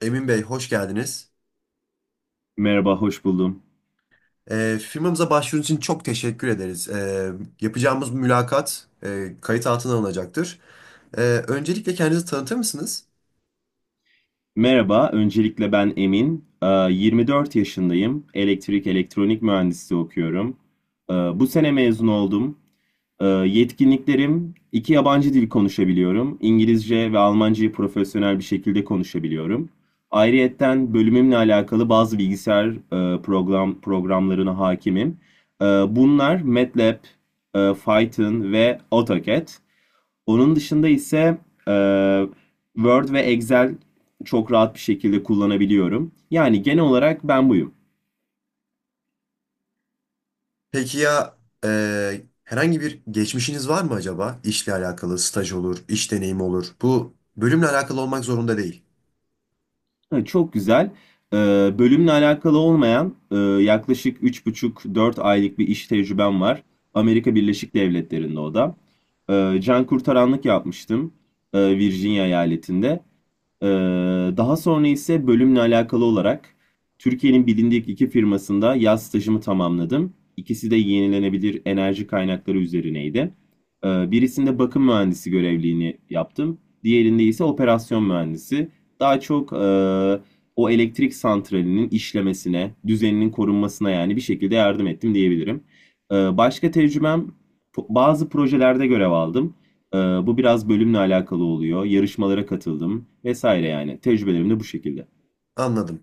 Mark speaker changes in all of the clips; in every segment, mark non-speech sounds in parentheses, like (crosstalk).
Speaker 1: Emin Bey, hoş geldiniz.
Speaker 2: Merhaba, hoş buldum.
Speaker 1: Firmamıza başvurunuz için çok teşekkür ederiz. Yapacağımız mülakat kayıt altına alınacaktır. Ee, Öncelikle kendinizi tanıtır mısınız?
Speaker 2: Merhaba, öncelikle ben Emin. 24 yaşındayım. Elektrik elektronik mühendisliği okuyorum. Bu sene mezun oldum. Yetkinliklerim, iki yabancı dil konuşabiliyorum. İngilizce ve Almancayı profesyonel bir şekilde konuşabiliyorum. Ayrıyetten bölümümle alakalı bazı bilgisayar programlarına hakimim. Bunlar MATLAB, Python ve AutoCAD. Onun dışında ise eee, Word ve Excel çok rahat bir şekilde kullanabiliyorum. Yani genel olarak ben buyum.
Speaker 1: Peki ya herhangi bir geçmişiniz var mı acaba? İşle alakalı, staj olur, iş deneyimi olur. Bu bölümle alakalı olmak zorunda değil.
Speaker 2: Ha, çok güzel. Bölümle alakalı olmayan yaklaşık üç buçuk dört aylık bir iş tecrübem var. Amerika Birleşik Devletleri'nde o da. Can kurtaranlık yapmıştım Virginia eyaletinde. Ee, daha sonra ise bölümle alakalı olarak Türkiye'nin bilindik iki firmasında yaz stajımı tamamladım. İkisi de yenilenebilir enerji kaynakları üzerineydi. Birisinde bakım mühendisi görevliğini yaptım. Diğerinde ise operasyon mühendisi. Daha çok o elektrik santralinin işlemesine, düzeninin korunmasına yani bir şekilde yardım ettim diyebilirim. Başka tecrübem bazı projelerde görev aldım. Bu biraz bölümle alakalı oluyor. Yarışmalara katıldım vesaire yani. Tecrübelerim de bu şekilde.
Speaker 1: Anladım.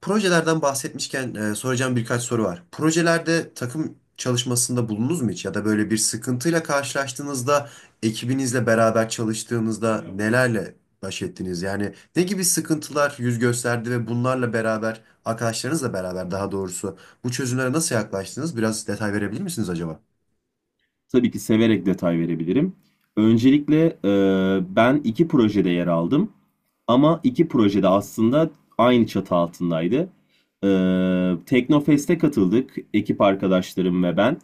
Speaker 1: Projelerden bahsetmişken soracağım birkaç soru var. Projelerde takım çalışmasında bulundunuz mu hiç? Ya da böyle bir sıkıntıyla karşılaştığınızda, ekibinizle beraber çalıştığınızda nelerle baş ettiniz? Yani ne gibi sıkıntılar yüz gösterdi ve bunlarla beraber, arkadaşlarınızla beraber daha doğrusu bu çözümlere nasıl yaklaştınız? Biraz detay verebilir misiniz acaba?
Speaker 2: Tabii ki severek detay verebilirim. Öncelikle ben iki projede yer aldım. Ama iki projede aslında aynı çatı altındaydı. Teknofest'e katıldık ekip arkadaşlarım ve ben.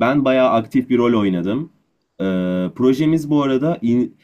Speaker 2: Ben bayağı aktif bir rol oynadım. Ee, projemiz bu arada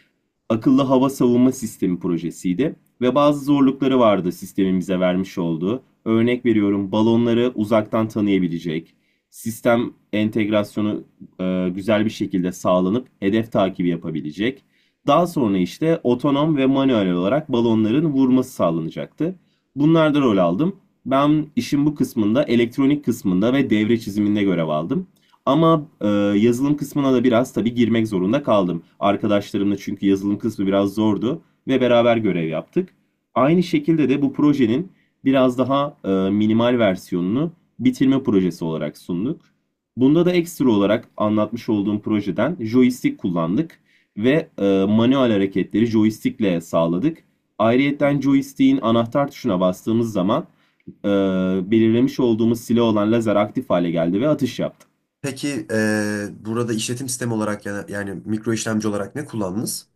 Speaker 2: akıllı hava savunma sistemi projesiydi ve bazı zorlukları vardı sistemin vermiş olduğu. Örnek veriyorum balonları uzaktan tanıyabilecek, sistem entegrasyonu güzel bir şekilde sağlanıp hedef takibi yapabilecek. Daha sonra işte otonom ve manuel olarak balonların vurması sağlanacaktı. Bunlarda rol aldım. Ben işin bu kısmında, elektronik kısmında ve devre çiziminde görev aldım. Ama yazılım kısmına da biraz tabii girmek zorunda kaldım. Arkadaşlarımla çünkü yazılım kısmı biraz zordu ve beraber görev yaptık. Aynı şekilde de bu projenin biraz daha minimal versiyonunu bitirme projesi olarak sunduk. Bunda da ekstra olarak anlatmış olduğum projeden joystick kullandık ve manuel hareketleri joystickle sağladık. Ayrıyeten joystick'in anahtar tuşuna bastığımız zaman e, belirlemiş olduğumuz silah olan lazer aktif hale geldi ve atış yaptı.
Speaker 1: Peki burada işletim sistemi olarak yani mikro işlemci olarak ne kullandınız?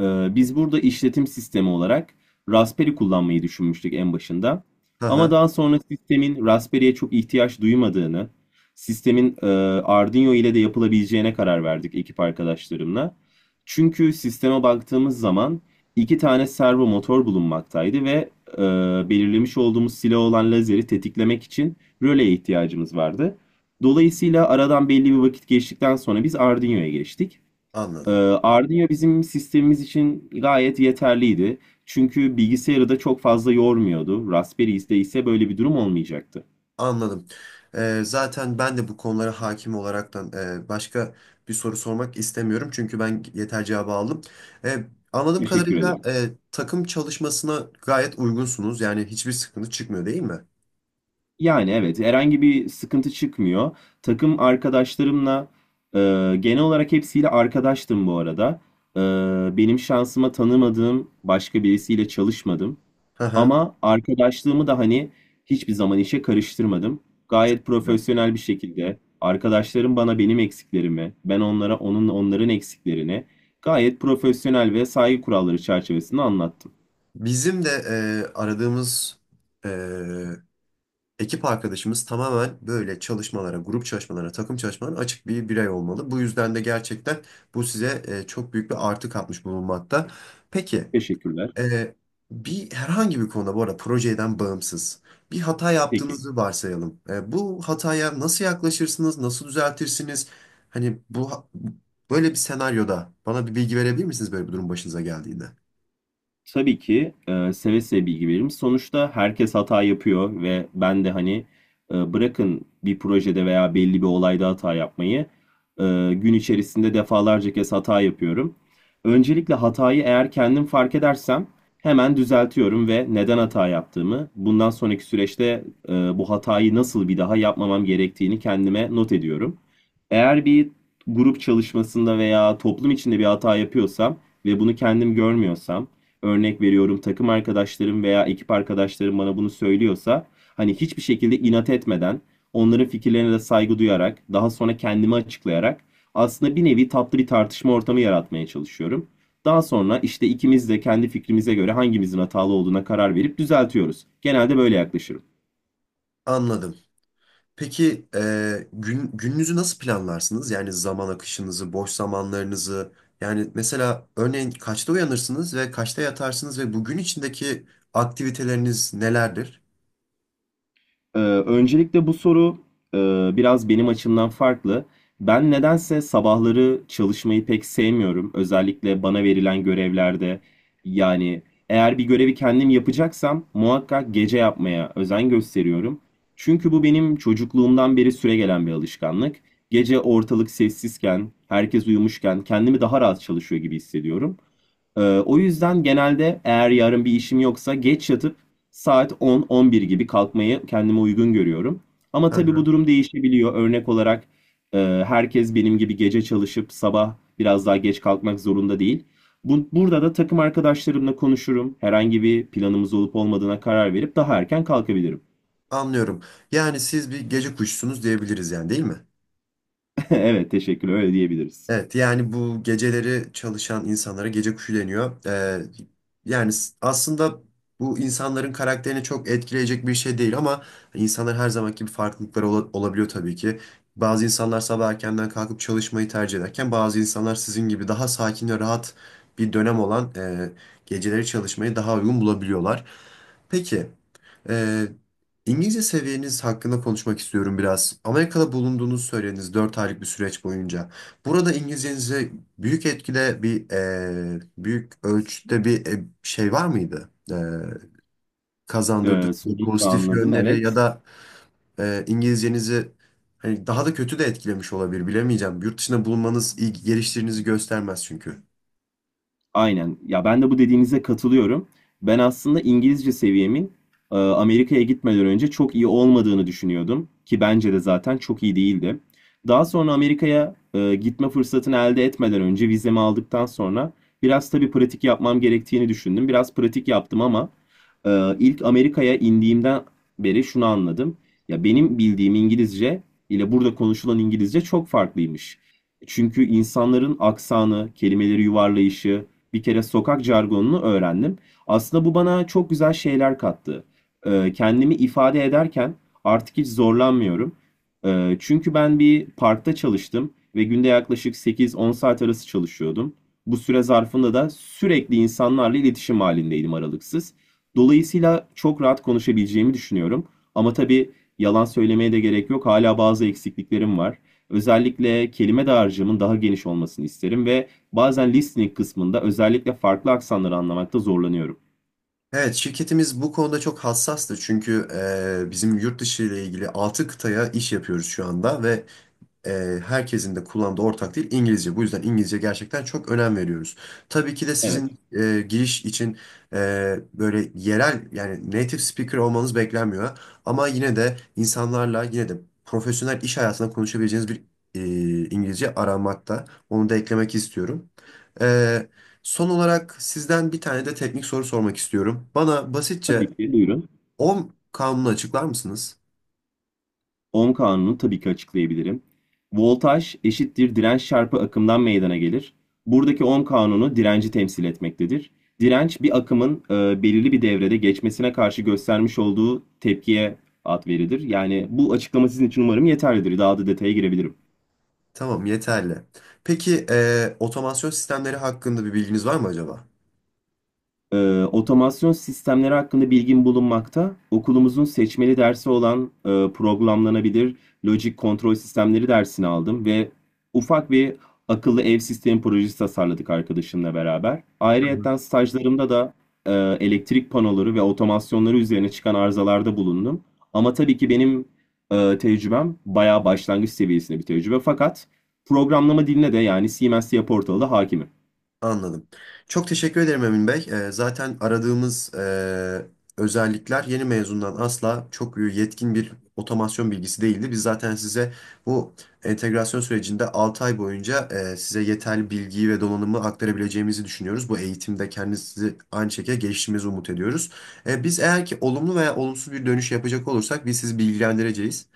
Speaker 2: Biz burada işletim sistemi olarak Raspberry kullanmayı düşünmüştük en başında.
Speaker 1: Hı
Speaker 2: Ama
Speaker 1: hı,
Speaker 2: daha sonra sistemin Raspberry'e çok ihtiyaç duymadığını, sistemin Arduino ile de yapılabileceğine karar verdik ekip arkadaşlarımla. Çünkü sisteme baktığımız zaman iki tane servo motor bulunmaktaydı ve e, belirlemiş olduğumuz silah olan lazeri tetiklemek için röleye ihtiyacımız vardı. Dolayısıyla aradan belli bir vakit geçtikten sonra biz Arduino'ya geçtik. Ee,
Speaker 1: anladım.
Speaker 2: Ardino bizim sistemimiz için gayet yeterliydi. Çünkü bilgisayarı da çok fazla yormuyordu. Raspberry'de ise böyle bir durum olmayacaktı.
Speaker 1: Anladım. Zaten ben de bu konulara hakim olaraktan başka bir soru sormak istemiyorum. Çünkü ben yeter cevabı aldım. Ee, Anladığım
Speaker 2: Teşekkür
Speaker 1: kadarıyla
Speaker 2: ederim.
Speaker 1: takım çalışmasına gayet uygunsunuz. Yani hiçbir sıkıntı çıkmıyor, değil mi?
Speaker 2: Yani evet, herhangi bir sıkıntı çıkmıyor. Takım arkadaşlarımla e, genel olarak hepsiyle arkadaştım bu arada. E, benim şansıma tanımadığım başka birisiyle çalışmadım.
Speaker 1: Hı hı.
Speaker 2: Ama arkadaşlığımı da hani hiçbir zaman işe karıştırmadım.
Speaker 1: Çok
Speaker 2: Gayet
Speaker 1: güzel.
Speaker 2: profesyonel bir şekilde arkadaşlarım bana benim eksiklerimi, ben onlara onların eksiklerini gayet profesyonel ve saygı kuralları çerçevesinde anlattım.
Speaker 1: Bizim de aradığımız e, ekip arkadaşımız tamamen böyle çalışmalara, grup çalışmalara, takım çalışmalarına açık bir birey olmalı. Bu yüzden de gerçekten bu size çok büyük bir artı katmış bulunmakta. Peki.
Speaker 2: Teşekkürler.
Speaker 1: Ee, Herhangi bir konuda, bu arada projeden bağımsız, bir hata
Speaker 2: Peki.
Speaker 1: yaptığınızı varsayalım. Bu hataya nasıl yaklaşırsınız, nasıl düzeltirsiniz? Hani böyle bir senaryoda bana bir bilgi verebilir misiniz böyle bir durum başınıza geldiğinde?
Speaker 2: Tabii ki seve seve bilgi veririm. Sonuçta herkes hata yapıyor ve ben de hani bırakın bir projede veya belli bir olayda hata yapmayı e, gün içerisinde defalarca kez hata yapıyorum. Öncelikle hatayı eğer kendim fark edersem hemen düzeltiyorum ve neden hata yaptığımı, bundan sonraki süreçte bu hatayı nasıl bir daha yapmamam gerektiğini kendime not ediyorum. Eğer bir grup çalışmasında veya toplum içinde bir hata yapıyorsam ve bunu kendim görmüyorsam, örnek veriyorum takım arkadaşlarım veya ekip arkadaşlarım bana bunu söylüyorsa hani hiçbir şekilde inat etmeden onların fikirlerine de saygı duyarak daha sonra kendimi açıklayarak aslında bir nevi tatlı bir tartışma ortamı yaratmaya çalışıyorum. Daha sonra işte ikimiz de kendi fikrimize göre hangimizin hatalı olduğuna karar verip düzeltiyoruz. Genelde böyle yaklaşırım.
Speaker 1: Anladım. Peki gününüzü nasıl planlarsınız? Yani zaman akışınızı, boş zamanlarınızı. Yani mesela örneğin kaçta uyanırsınız ve kaçta yatarsınız ve bugün içindeki aktiviteleriniz nelerdir?
Speaker 2: Öncelikle bu soru e, biraz benim açımdan farklı. Ben nedense sabahları çalışmayı pek sevmiyorum. Özellikle bana verilen görevlerde. Yani eğer bir görevi kendim yapacaksam muhakkak gece yapmaya özen gösteriyorum. Çünkü bu benim çocukluğumdan beri süregelen bir alışkanlık. Gece ortalık sessizken, herkes uyumuşken kendimi daha rahat çalışıyor gibi hissediyorum. O yüzden genelde eğer yarın bir işim yoksa geç yatıp saat 10-11 gibi kalkmayı kendime uygun görüyorum. Ama tabii bu durum değişebiliyor. Örnek olarak e, herkes benim gibi gece çalışıp sabah biraz daha geç kalkmak zorunda değil. Bu, burada da takım arkadaşlarımla konuşurum. Herhangi bir planımız olup olmadığına karar verip daha erken kalkabilirim.
Speaker 1: Anlıyorum. Yani siz bir gece kuşusunuz diyebiliriz yani, değil mi?
Speaker 2: (laughs) Evet, teşekkür. Öyle diyebiliriz.
Speaker 1: Evet, yani bu geceleri çalışan insanlara gece kuşu deniyor. Aslında bu insanların karakterini çok etkileyecek bir şey değil, ama insanlar her zamanki gibi farklılıkları olabiliyor tabii ki. Bazı insanlar sabah erkenden kalkıp çalışmayı tercih ederken bazı insanlar sizin gibi daha sakin ve rahat bir dönem olan geceleri çalışmayı daha uygun bulabiliyorlar. Peki. Ee, İngilizce seviyeniz hakkında konuşmak istiyorum biraz. Amerika'da bulunduğunuzu söylediniz, 4 aylık bir süreç boyunca. Burada İngilizcenize büyük etkide bir büyük ölçüde bir şey var mıydı? Kazandırdı size
Speaker 2: Soruyu
Speaker 1: pozitif
Speaker 2: anladım.
Speaker 1: yönleri ya
Speaker 2: Evet.
Speaker 1: da İngilizcenizi hani daha da kötü de etkilemiş olabilir, bilemeyeceğim. Yurt dışında bulunmanız iyi geliştirinizi göstermez çünkü.
Speaker 2: Aynen. Ya ben de bu dediğinize katılıyorum. Ben aslında İngilizce seviyemin Amerika'ya gitmeden önce çok iyi olmadığını düşünüyordum ki bence de zaten çok iyi değildi. Daha sonra Amerika'ya gitme fırsatını elde etmeden önce vizemi aldıktan sonra biraz tabii pratik yapmam gerektiğini düşündüm. Biraz pratik yaptım ama ilk Amerika'ya indiğimden beri şunu anladım. Ya benim bildiğim İngilizce ile burada konuşulan İngilizce çok farklıymış. Çünkü insanların aksanı, kelimeleri yuvarlayışı, bir kere sokak jargonunu öğrendim. Aslında bu bana çok güzel şeyler kattı. Kendimi ifade ederken artık hiç zorlanmıyorum. Çünkü ben bir parkta çalıştım ve günde yaklaşık 8-10 saat arası çalışıyordum. Bu süre zarfında da sürekli insanlarla iletişim halindeydim aralıksız. Dolayısıyla çok rahat konuşabileceğimi düşünüyorum. Ama tabii yalan söylemeye de gerek yok. Hala bazı eksikliklerim var. Özellikle kelime dağarcığımın daha geniş olmasını isterim ve bazen listening kısmında özellikle farklı aksanları anlamakta zorlanıyorum.
Speaker 1: Evet, şirketimiz bu konuda çok hassastı çünkü bizim yurt dışı ile ilgili 6 kıtaya iş yapıyoruz şu anda ve e, herkesin de kullandığı ortak dil İngilizce. Bu yüzden İngilizce gerçekten çok önem veriyoruz. Tabii ki de
Speaker 2: Evet,
Speaker 1: sizin giriş için böyle yerel, yani native speaker olmanız beklenmiyor. Ama yine de insanlarla yine de profesyonel iş hayatında konuşabileceğiniz bir e, İngilizce aramakta. Onu da eklemek istiyorum. E, Son olarak sizden bir tane de teknik soru sormak istiyorum. Bana basitçe
Speaker 2: tabii ki buyurun.
Speaker 1: 10 kanunu açıklar mısınız?
Speaker 2: Ohm kanunu tabii ki açıklayabilirim. Voltaj eşittir direnç çarpı akımdan meydana gelir. Buradaki ohm kanunu direnci temsil etmektedir. Direnç bir akımın belirli bir devrede geçmesine karşı göstermiş olduğu tepkiye ad verilir. Yani bu açıklama sizin için umarım yeterlidir. Daha da detaya girebilirim.
Speaker 1: Tamam, yeterli. Peki otomasyon sistemleri hakkında bir bilginiz var mı acaba?
Speaker 2: Otomasyon sistemleri hakkında bilgim bulunmakta. Okulumuzun seçmeli dersi olan programlanabilir lojik kontrol sistemleri dersini aldım ve ufak bir akıllı ev sistemi projesi tasarladık arkadaşımla beraber. Ayrıyeten stajlarımda da e, elektrik panoları ve otomasyonları üzerine çıkan arızalarda bulundum. Ama tabii ki benim tecrübem bayağı başlangıç seviyesinde bir tecrübe. Fakat programlama diline de yani C++ portalı da hakimim.
Speaker 1: Anladım. Çok teşekkür ederim Emin Bey. Zaten aradığımız özellikler yeni mezundan asla çok yetkin bir otomasyon bilgisi değildi. Biz zaten size bu entegrasyon sürecinde 6 ay boyunca size yeterli bilgiyi ve donanımı aktarabileceğimizi düşünüyoruz. Bu eğitimde kendinizi aynı şekilde geliştirmenizi umut ediyoruz. Biz eğer ki olumlu veya olumsuz bir dönüş yapacak olursak biz sizi bilgilendireceğiz.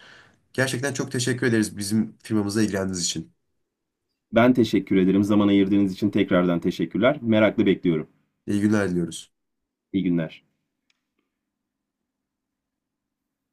Speaker 1: Gerçekten çok teşekkür ederiz bizim firmamıza ilgilendiğiniz için.
Speaker 2: Ben teşekkür ederim. Zaman ayırdığınız için tekrardan teşekkürler. Merakla bekliyorum.
Speaker 1: İyi günler diliyoruz.
Speaker 2: İyi günler.